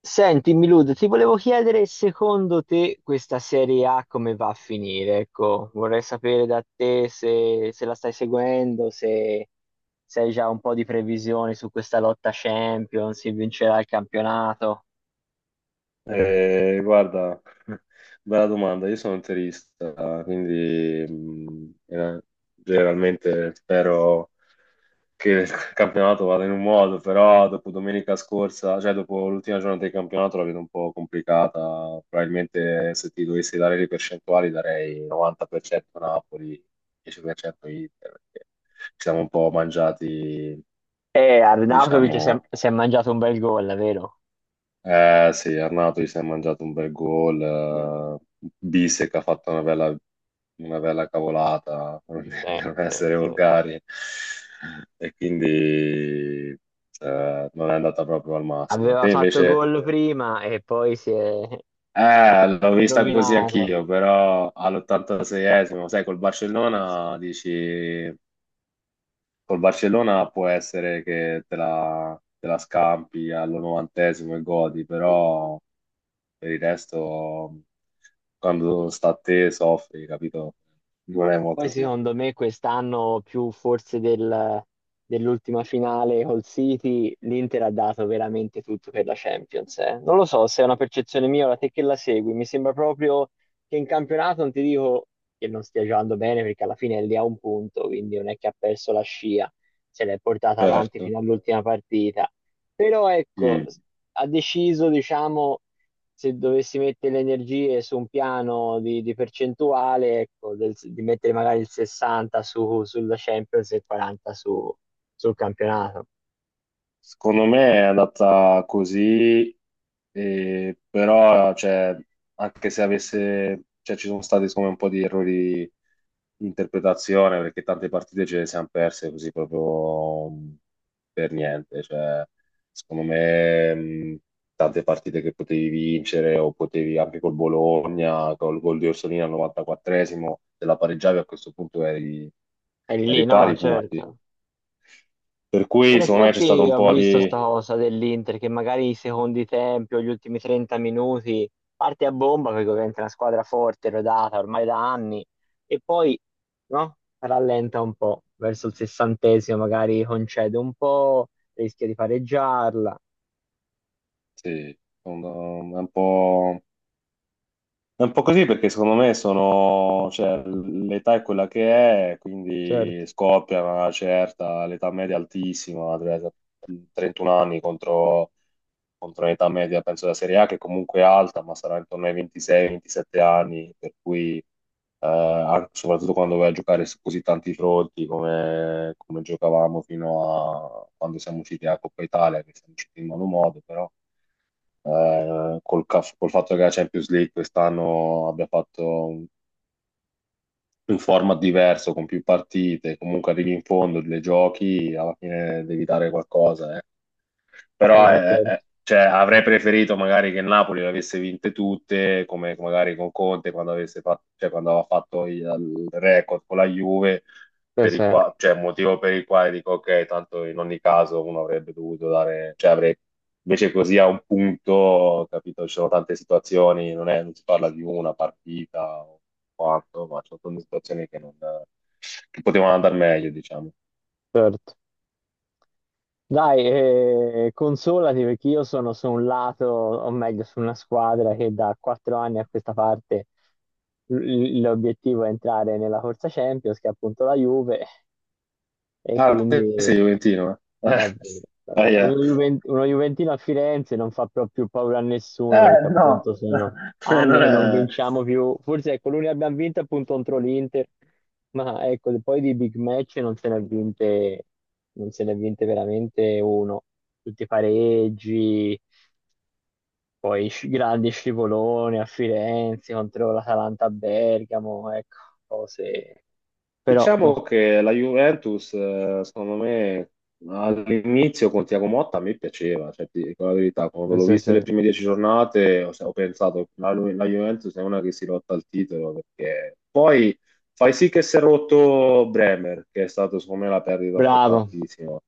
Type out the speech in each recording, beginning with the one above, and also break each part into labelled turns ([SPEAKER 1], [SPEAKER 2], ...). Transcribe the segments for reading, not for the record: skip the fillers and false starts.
[SPEAKER 1] Senti, Milud, ti volevo chiedere secondo te questa Serie A come va a finire? Ecco, vorrei sapere da te se la stai seguendo, se hai già un po' di previsioni su questa lotta Champions, se vincerà il campionato.
[SPEAKER 2] Guarda, bella domanda. Io sono interista, quindi generalmente spero che il campionato vada in un modo, però dopo domenica scorsa, cioè dopo l'ultima giornata del campionato la vedo un po' complicata. Probabilmente se ti dovessi dare le percentuali darei 90% Napoli, 10% Inter, perché ci siamo un po' mangiati, Eh,
[SPEAKER 1] Arnautovic si è,
[SPEAKER 2] diciamo,
[SPEAKER 1] si è mangiato un bel gol, vero?
[SPEAKER 2] eh sì, Arnato si è mangiato un bel gol, Bissek ha fatto una bella cavolata, per
[SPEAKER 1] Sì,
[SPEAKER 2] non
[SPEAKER 1] sì,
[SPEAKER 2] essere
[SPEAKER 1] sì.
[SPEAKER 2] volgari, e quindi non è andata proprio al massimo.
[SPEAKER 1] Aveva
[SPEAKER 2] Te
[SPEAKER 1] fatto brutto
[SPEAKER 2] invece,
[SPEAKER 1] gol. Prima e poi si
[SPEAKER 2] l'ho
[SPEAKER 1] è Ha vinto.
[SPEAKER 2] vista così
[SPEAKER 1] Rovinato.
[SPEAKER 2] anch'io, però all'86esimo, sai, col
[SPEAKER 1] Sì.
[SPEAKER 2] Barcellona dici, col Barcellona può essere che te la scampi all'90esimo e godi, però per il resto, quando sta a te soffri, capito? Non è
[SPEAKER 1] Poi
[SPEAKER 2] molto semplice.
[SPEAKER 1] secondo me quest'anno più forse dell'ultima finale col City, l'Inter ha dato veramente tutto per la Champions, non lo so se è una percezione mia, ora te che la segui, mi sembra proprio che in campionato non ti dico che non stia giocando bene perché alla fine è lì a un punto, quindi non è che ha perso la scia, se l'è portata avanti
[SPEAKER 2] Certo.
[SPEAKER 1] fino all'ultima partita. Però ecco,
[SPEAKER 2] Mm.
[SPEAKER 1] ha deciso, diciamo, se dovessi mettere le energie su un piano di percentuale, ecco, di mettere magari il 60 sulla Champions e il 40 sul campionato.
[SPEAKER 2] Secondo me è andata così, però cioè, anche se avesse, cioè, ci sono stati secondo me, un po' di errori di interpretazione perché tante partite ce le siamo perse così proprio per niente. Cioè, secondo me tante partite che potevi vincere o potevi anche col Bologna, col gol di Orsolini al 94esimo, se la pareggiavi a questo punto
[SPEAKER 1] È lì,
[SPEAKER 2] eri
[SPEAKER 1] no, no,
[SPEAKER 2] pari
[SPEAKER 1] esatto,
[SPEAKER 2] punti.
[SPEAKER 1] certo.
[SPEAKER 2] Per cui
[SPEAKER 1] In Quindi
[SPEAKER 2] secondo me c'è stato
[SPEAKER 1] effetti
[SPEAKER 2] un
[SPEAKER 1] ho
[SPEAKER 2] po'
[SPEAKER 1] visto sta
[SPEAKER 2] di.
[SPEAKER 1] proprio cosa dell'Inter che magari i secondi tempi o gli ultimi 30 minuti parte a bomba perché ovviamente è una squadra forte, rodata ormai da anni e poi no, rallenta un po' verso il sessantesimo, magari concede un po', rischia di pareggiarla.
[SPEAKER 2] Sì, sono un po', è un po' così perché secondo me sono, cioè, l'età è quella che è, quindi
[SPEAKER 1] Certo,
[SPEAKER 2] scoppia una certa, l'età media è altissima, 31 anni contro, l'età media, penso della Serie A che comunque è alta, ma sarà intorno ai 26-27 anni, per cui soprattutto quando vai a giocare su così tanti fronti come, giocavamo fino a quando siamo usciti a Coppa Italia, che siamo usciti in malo modo, però col fatto che la Champions League quest'anno abbia fatto un format diverso, con più partite, comunque arrivi in fondo, le giochi, alla fine devi dare qualcosa,
[SPEAKER 1] no,
[SPEAKER 2] però
[SPEAKER 1] no, certo,
[SPEAKER 2] cioè, avrei preferito magari che il Napoli le avesse vinte tutte, come magari con Conte quando, avesse fatto, cioè, quando aveva fatto il record con la Juve,
[SPEAKER 1] eh sì,
[SPEAKER 2] cioè, motivo per il quale dico ok, tanto in ogni caso uno avrebbe dovuto dare, cioè avrei, invece così a un punto, capito, ci sono tante situazioni, non si parla di una partita o quanto, ma ci sono tante situazioni che, non, che potevano andare meglio, diciamo.
[SPEAKER 1] certo. Dai, consolati perché io sono su un lato, o meglio, su una squadra che da 4 anni a questa parte l'obiettivo è entrare nella corsa Champions, che è appunto la Juve, e
[SPEAKER 2] Ah, te
[SPEAKER 1] quindi
[SPEAKER 2] sei Juventino, eh?
[SPEAKER 1] davvero,
[SPEAKER 2] Ah,
[SPEAKER 1] davvero.
[SPEAKER 2] yeah.
[SPEAKER 1] Uno Juventino a Firenze non fa proprio paura a nessuno perché
[SPEAKER 2] No,
[SPEAKER 1] appunto sono anni
[SPEAKER 2] non
[SPEAKER 1] che non
[SPEAKER 2] è-
[SPEAKER 1] vinciamo più. Forse ecco, l'unica che abbiamo vinto è appunto contro l'Inter, ma ecco, poi di big match non se ne è vinte veramente uno. Tutti i pareggi, poi grandi scivoloni a Firenze contro l'Atalanta a Bergamo, ecco, cose. Però,
[SPEAKER 2] Diciamo
[SPEAKER 1] no,
[SPEAKER 2] che la Juventus, secondo me, all'inizio con Tiago Motta mi piaceva, cioè, ti dico la verità, quando l'ho
[SPEAKER 1] sì,
[SPEAKER 2] vista
[SPEAKER 1] sì.
[SPEAKER 2] le prime 10 giornate ho pensato la Juventus è una che si lotta al titolo, perché poi fai sì che si è rotto Bremer, che è stato secondo me la perdita
[SPEAKER 1] Bravo.
[SPEAKER 2] importantissima.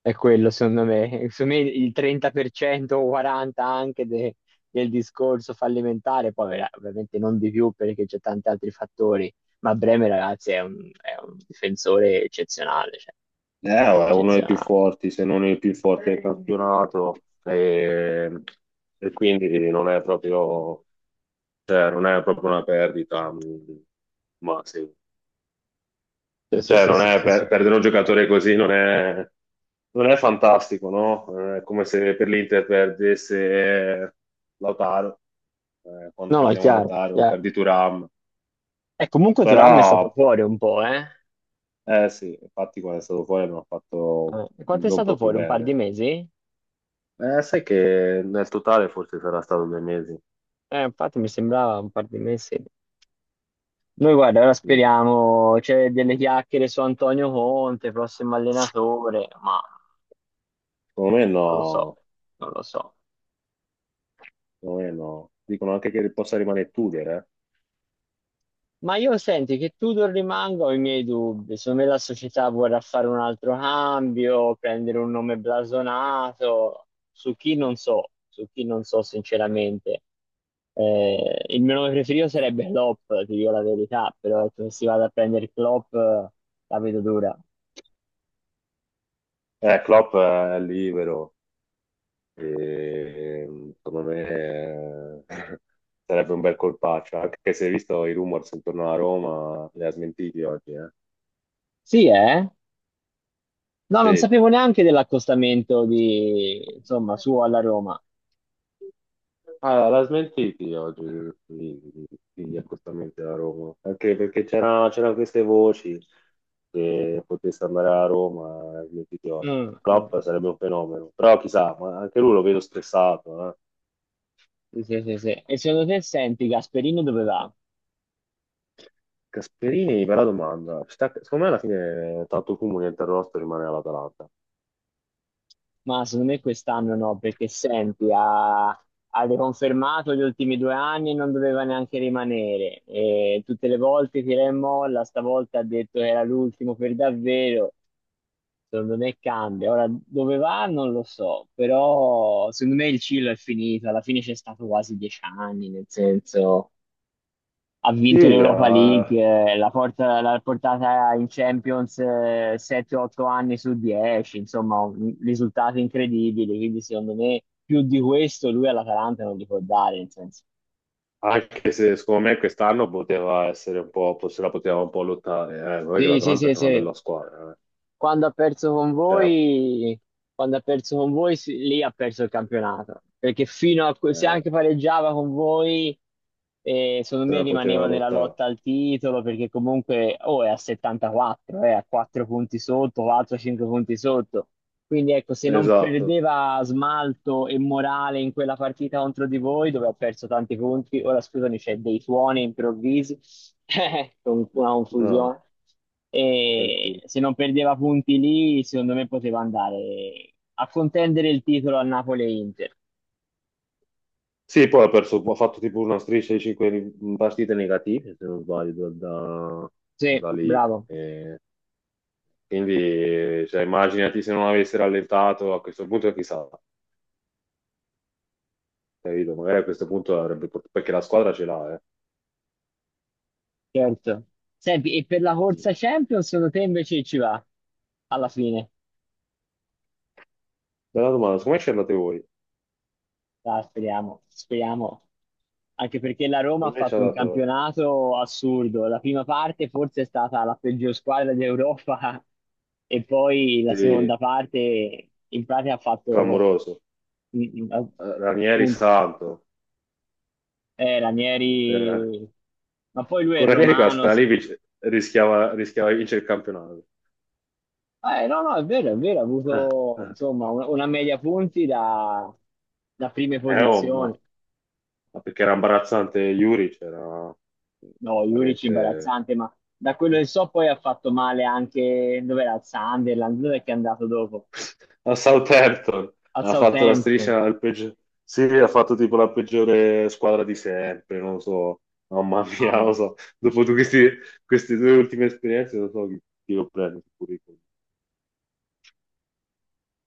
[SPEAKER 1] È quello, secondo me. Secondo me il 30% o 40% anche del discorso fallimentare, poi ovviamente non di più perché c'è tanti altri fattori, ma Bremer, ragazzi, è un difensore eccezionale, cioè,
[SPEAKER 2] È uno dei più
[SPEAKER 1] eccezionale.
[SPEAKER 2] forti, se non il più forte del campionato, e quindi non è proprio. Cioè, non è proprio una perdita, ma sì.
[SPEAKER 1] Sì, sì,
[SPEAKER 2] Cioè,
[SPEAKER 1] sì,
[SPEAKER 2] non
[SPEAKER 1] sì,
[SPEAKER 2] è
[SPEAKER 1] sì, sì.
[SPEAKER 2] per- perdere un giocatore così non è fantastico, no? È come se per l'Inter perdesse Lautaro, quando
[SPEAKER 1] No, no, è
[SPEAKER 2] perdiamo
[SPEAKER 1] chiaro,
[SPEAKER 2] Lautaro,
[SPEAKER 1] chiaro.
[SPEAKER 2] perdi Thuram.
[SPEAKER 1] E comunque
[SPEAKER 2] Però,
[SPEAKER 1] Thuram è stato fuori un po', eh?
[SPEAKER 2] eh sì, infatti quando è stato fuori non ha fatto,
[SPEAKER 1] Quanto è
[SPEAKER 2] non
[SPEAKER 1] stato
[SPEAKER 2] proprio
[SPEAKER 1] fuori? Un par di
[SPEAKER 2] bene.
[SPEAKER 1] mesi?
[SPEAKER 2] Sai che nel totale forse sarà stato 2 mesi.
[SPEAKER 1] Infatti mi sembrava un par di mesi. Noi guarda, ora
[SPEAKER 2] Mm.
[SPEAKER 1] speriamo, c'è delle chiacchiere su Antonio Conte, prossimo allenatore, ma
[SPEAKER 2] Secondo me
[SPEAKER 1] non lo so,
[SPEAKER 2] no,
[SPEAKER 1] non lo so.
[SPEAKER 2] secondo me no. Dicono anche che possa rimanere Tudor, eh.
[SPEAKER 1] Ma io senti che Tudor rimanga ho i miei dubbi. Secondo me la società vorrà fare un altro cambio, prendere un nome blasonato. Su chi non so sinceramente. Il mio nome preferito sarebbe Klopp, ti dico la verità, però ecco, se si vada a prendere Klopp la vedo dura.
[SPEAKER 2] Klopp è libero, e, secondo me sarebbe un bel colpaccio, anche se hai visto i rumors intorno a Roma, li ha smentiti oggi, eh?
[SPEAKER 1] Sì, eh? No, non
[SPEAKER 2] Sì,
[SPEAKER 1] sapevo neanche dell'accostamento di, insomma, suo alla Roma.
[SPEAKER 2] ah, l'ha smentiti oggi gli gli accostamenti a Roma, anche perché c'erano queste voci che potesse andare a Roma, l'ha smentiti oggi.
[SPEAKER 1] Mm, mm.
[SPEAKER 2] Klopp sarebbe un fenomeno, però chissà, ma anche lui lo vedo stressato, eh?
[SPEAKER 1] Sì, sì, sì, sì. E secondo te, senti, Gasperino dove va?
[SPEAKER 2] Gasperini, bella domanda. Secondo me alla fine tanto fumo niente arrosto rimane all'Atalanta.
[SPEAKER 1] Ma secondo me quest'anno no, perché senti, ha riconfermato gli ultimi 2 anni e non doveva neanche rimanere. E tutte le volte tira e molla, stavolta ha detto che era l'ultimo per davvero. Secondo me cambia. Ora, dove va non lo so, però secondo me il Cilo è finito. Alla fine c'è stato quasi 10 anni, nel senso ha
[SPEAKER 2] Sì,
[SPEAKER 1] vinto l'Europa League, la l'ha portata in Champions 7-8 anni su 10, insomma, risultati incredibili, quindi secondo me più di questo lui all'Atalanta non gli può dare, nel senso.
[SPEAKER 2] anche se secondo me quest'anno poteva essere un po', se la poteva un po' lottare. Non è che
[SPEAKER 1] Sì, sì,
[SPEAKER 2] l'Atalanta
[SPEAKER 1] sì,
[SPEAKER 2] c'è una
[SPEAKER 1] sì,
[SPEAKER 2] bella squadra, eh.
[SPEAKER 1] Quando ha perso con
[SPEAKER 2] Cioè,
[SPEAKER 1] voi, quando ha perso con voi, sì, lì ha perso il campionato. Perché fino a, se
[SPEAKER 2] eh,
[SPEAKER 1] anche pareggiava con voi, secondo
[SPEAKER 2] se
[SPEAKER 1] me
[SPEAKER 2] la
[SPEAKER 1] rimaneva
[SPEAKER 2] poteva
[SPEAKER 1] nella
[SPEAKER 2] lottare.
[SPEAKER 1] lotta al titolo, perché comunque, oh, è a 74, è a 4 punti sotto, 4-5 punti sotto. Quindi ecco, se non
[SPEAKER 2] Esatto,
[SPEAKER 1] perdeva smalto e morale in quella partita contro di voi, dove ho perso tanti punti, ora scusami, c'è dei suoni improvvisi, con una
[SPEAKER 2] no,
[SPEAKER 1] confusione. E
[SPEAKER 2] tranquillo.
[SPEAKER 1] se non perdeva punti lì, secondo me poteva andare a contendere il titolo a Napoli e Inter.
[SPEAKER 2] Sì, poi ha perso, ha fatto tipo una striscia di 5 partite negative, se non sbaglio, da,
[SPEAKER 1] Sì,
[SPEAKER 2] lì.
[SPEAKER 1] bravo,
[SPEAKER 2] Quindi, cioè, immaginati se non avesse rallentato a questo punto, chissà. Capito? Magari a questo punto avrebbe portato, perché la squadra ce l'ha, eh.
[SPEAKER 1] certo. Senti, e per la
[SPEAKER 2] Sì.
[SPEAKER 1] corsa Champions, secondo te invece ci va alla fine?
[SPEAKER 2] Bella domanda, come ci andate voi?
[SPEAKER 1] Dai, speriamo, speriamo. Anche perché la Roma ha
[SPEAKER 2] Come ci
[SPEAKER 1] fatto un
[SPEAKER 2] andate voi?
[SPEAKER 1] campionato assurdo. La prima parte forse è stata la peggior squadra d'Europa e poi la
[SPEAKER 2] Sì,
[SPEAKER 1] seconda parte in pratica ha fatto
[SPEAKER 2] clamoroso.
[SPEAKER 1] mm, mm, oh,
[SPEAKER 2] Ranieri
[SPEAKER 1] appunto
[SPEAKER 2] santo. Eh,
[SPEAKER 1] Ranieri, ma poi lui è
[SPEAKER 2] con Ranieri quella
[SPEAKER 1] romano.
[SPEAKER 2] squadra lì rischiava, di vincere il campionato.
[SPEAKER 1] No, no, è vero, ha
[SPEAKER 2] Eh,
[SPEAKER 1] avuto
[SPEAKER 2] eh.
[SPEAKER 1] insomma una media punti da, da prime
[SPEAKER 2] Oh,
[SPEAKER 1] posizioni.
[SPEAKER 2] ma perché era imbarazzante Juric, era
[SPEAKER 1] No, Juric
[SPEAKER 2] veramente.
[SPEAKER 1] imbarazzante, ma da quello che so poi ha fatto male anche, dov'era? Al Sunderland, dov'è che è andato dopo?
[SPEAKER 2] A Southampton
[SPEAKER 1] Al
[SPEAKER 2] ha fatto la
[SPEAKER 1] Southampton,
[SPEAKER 2] striscia sì, ha fatto tipo la peggiore squadra di sempre, non lo so. Oh, mamma mia, non lo
[SPEAKER 1] mamma.
[SPEAKER 2] so, dopo queste due ultime esperienze non so chi lo prende sul curriculum.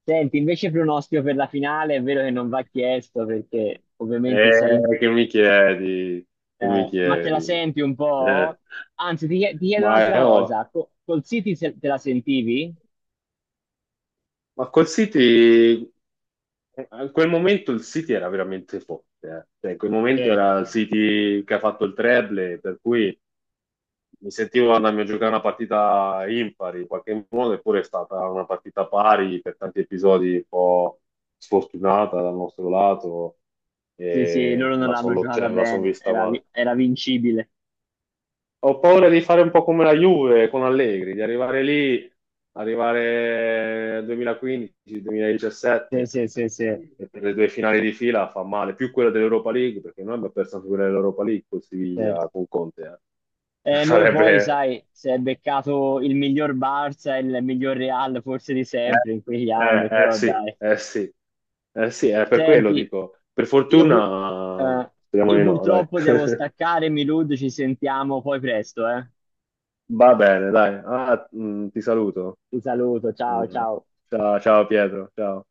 [SPEAKER 1] Senti, invece pronostico per la finale, è vero che non va chiesto perché ovviamente sei...
[SPEAKER 2] Che mi chiedi, che mi
[SPEAKER 1] ma te la
[SPEAKER 2] chiedi.
[SPEAKER 1] senti un
[SPEAKER 2] Eh,
[SPEAKER 1] po'? Anzi, ti chiedo
[SPEAKER 2] ma,
[SPEAKER 1] un'altra
[SPEAKER 2] oh,
[SPEAKER 1] cosa, col City te la sentivi?
[SPEAKER 2] ma col City, a quel momento il City era veramente forte, eh. Cioè, in quel momento
[SPEAKER 1] Sì,
[SPEAKER 2] era il City che ha fatto il treble, per cui mi sentivo andarmi a giocare una partita impari in qualche modo, eppure è stata una partita pari per tanti episodi un po' sfortunata dal nostro lato
[SPEAKER 1] sì, sì,
[SPEAKER 2] e
[SPEAKER 1] loro
[SPEAKER 2] me
[SPEAKER 1] non
[SPEAKER 2] la
[SPEAKER 1] l'hanno
[SPEAKER 2] sono
[SPEAKER 1] giocata
[SPEAKER 2] cioè, son
[SPEAKER 1] bene,
[SPEAKER 2] vista
[SPEAKER 1] era,
[SPEAKER 2] male.
[SPEAKER 1] era vincibile.
[SPEAKER 2] Ho paura di fare un po' come la Juve con Allegri, di arrivare lì, arrivare
[SPEAKER 1] Sì,
[SPEAKER 2] 2015-2017
[SPEAKER 1] sì, sì, sì,
[SPEAKER 2] e per le due finali di fila fa male, più quella dell'Europa League, perché noi abbiamo perso anche quella dell'Europa League con
[SPEAKER 1] sì.
[SPEAKER 2] Siviglia, con Conte.
[SPEAKER 1] Noi poi,
[SPEAKER 2] Sarebbe.
[SPEAKER 1] sai, si è beccato il miglior Barça e il miglior Real forse di
[SPEAKER 2] Eh,
[SPEAKER 1] sempre in quegli
[SPEAKER 2] eh,
[SPEAKER 1] anni,
[SPEAKER 2] eh,
[SPEAKER 1] però
[SPEAKER 2] sì,
[SPEAKER 1] dai.
[SPEAKER 2] eh sì, eh sì, è per quello
[SPEAKER 1] Senti,
[SPEAKER 2] dico. Per
[SPEAKER 1] io,
[SPEAKER 2] fortuna,
[SPEAKER 1] eh,
[SPEAKER 2] speriamo
[SPEAKER 1] io
[SPEAKER 2] di no, dai.
[SPEAKER 1] purtroppo devo staccare, Milud, ci sentiamo poi presto, eh.
[SPEAKER 2] Va bene, dai. Ah, ti saluto.
[SPEAKER 1] Ti saluto, ciao,
[SPEAKER 2] Mm.
[SPEAKER 1] ciao.
[SPEAKER 2] Ciao, ciao Pietro, ciao.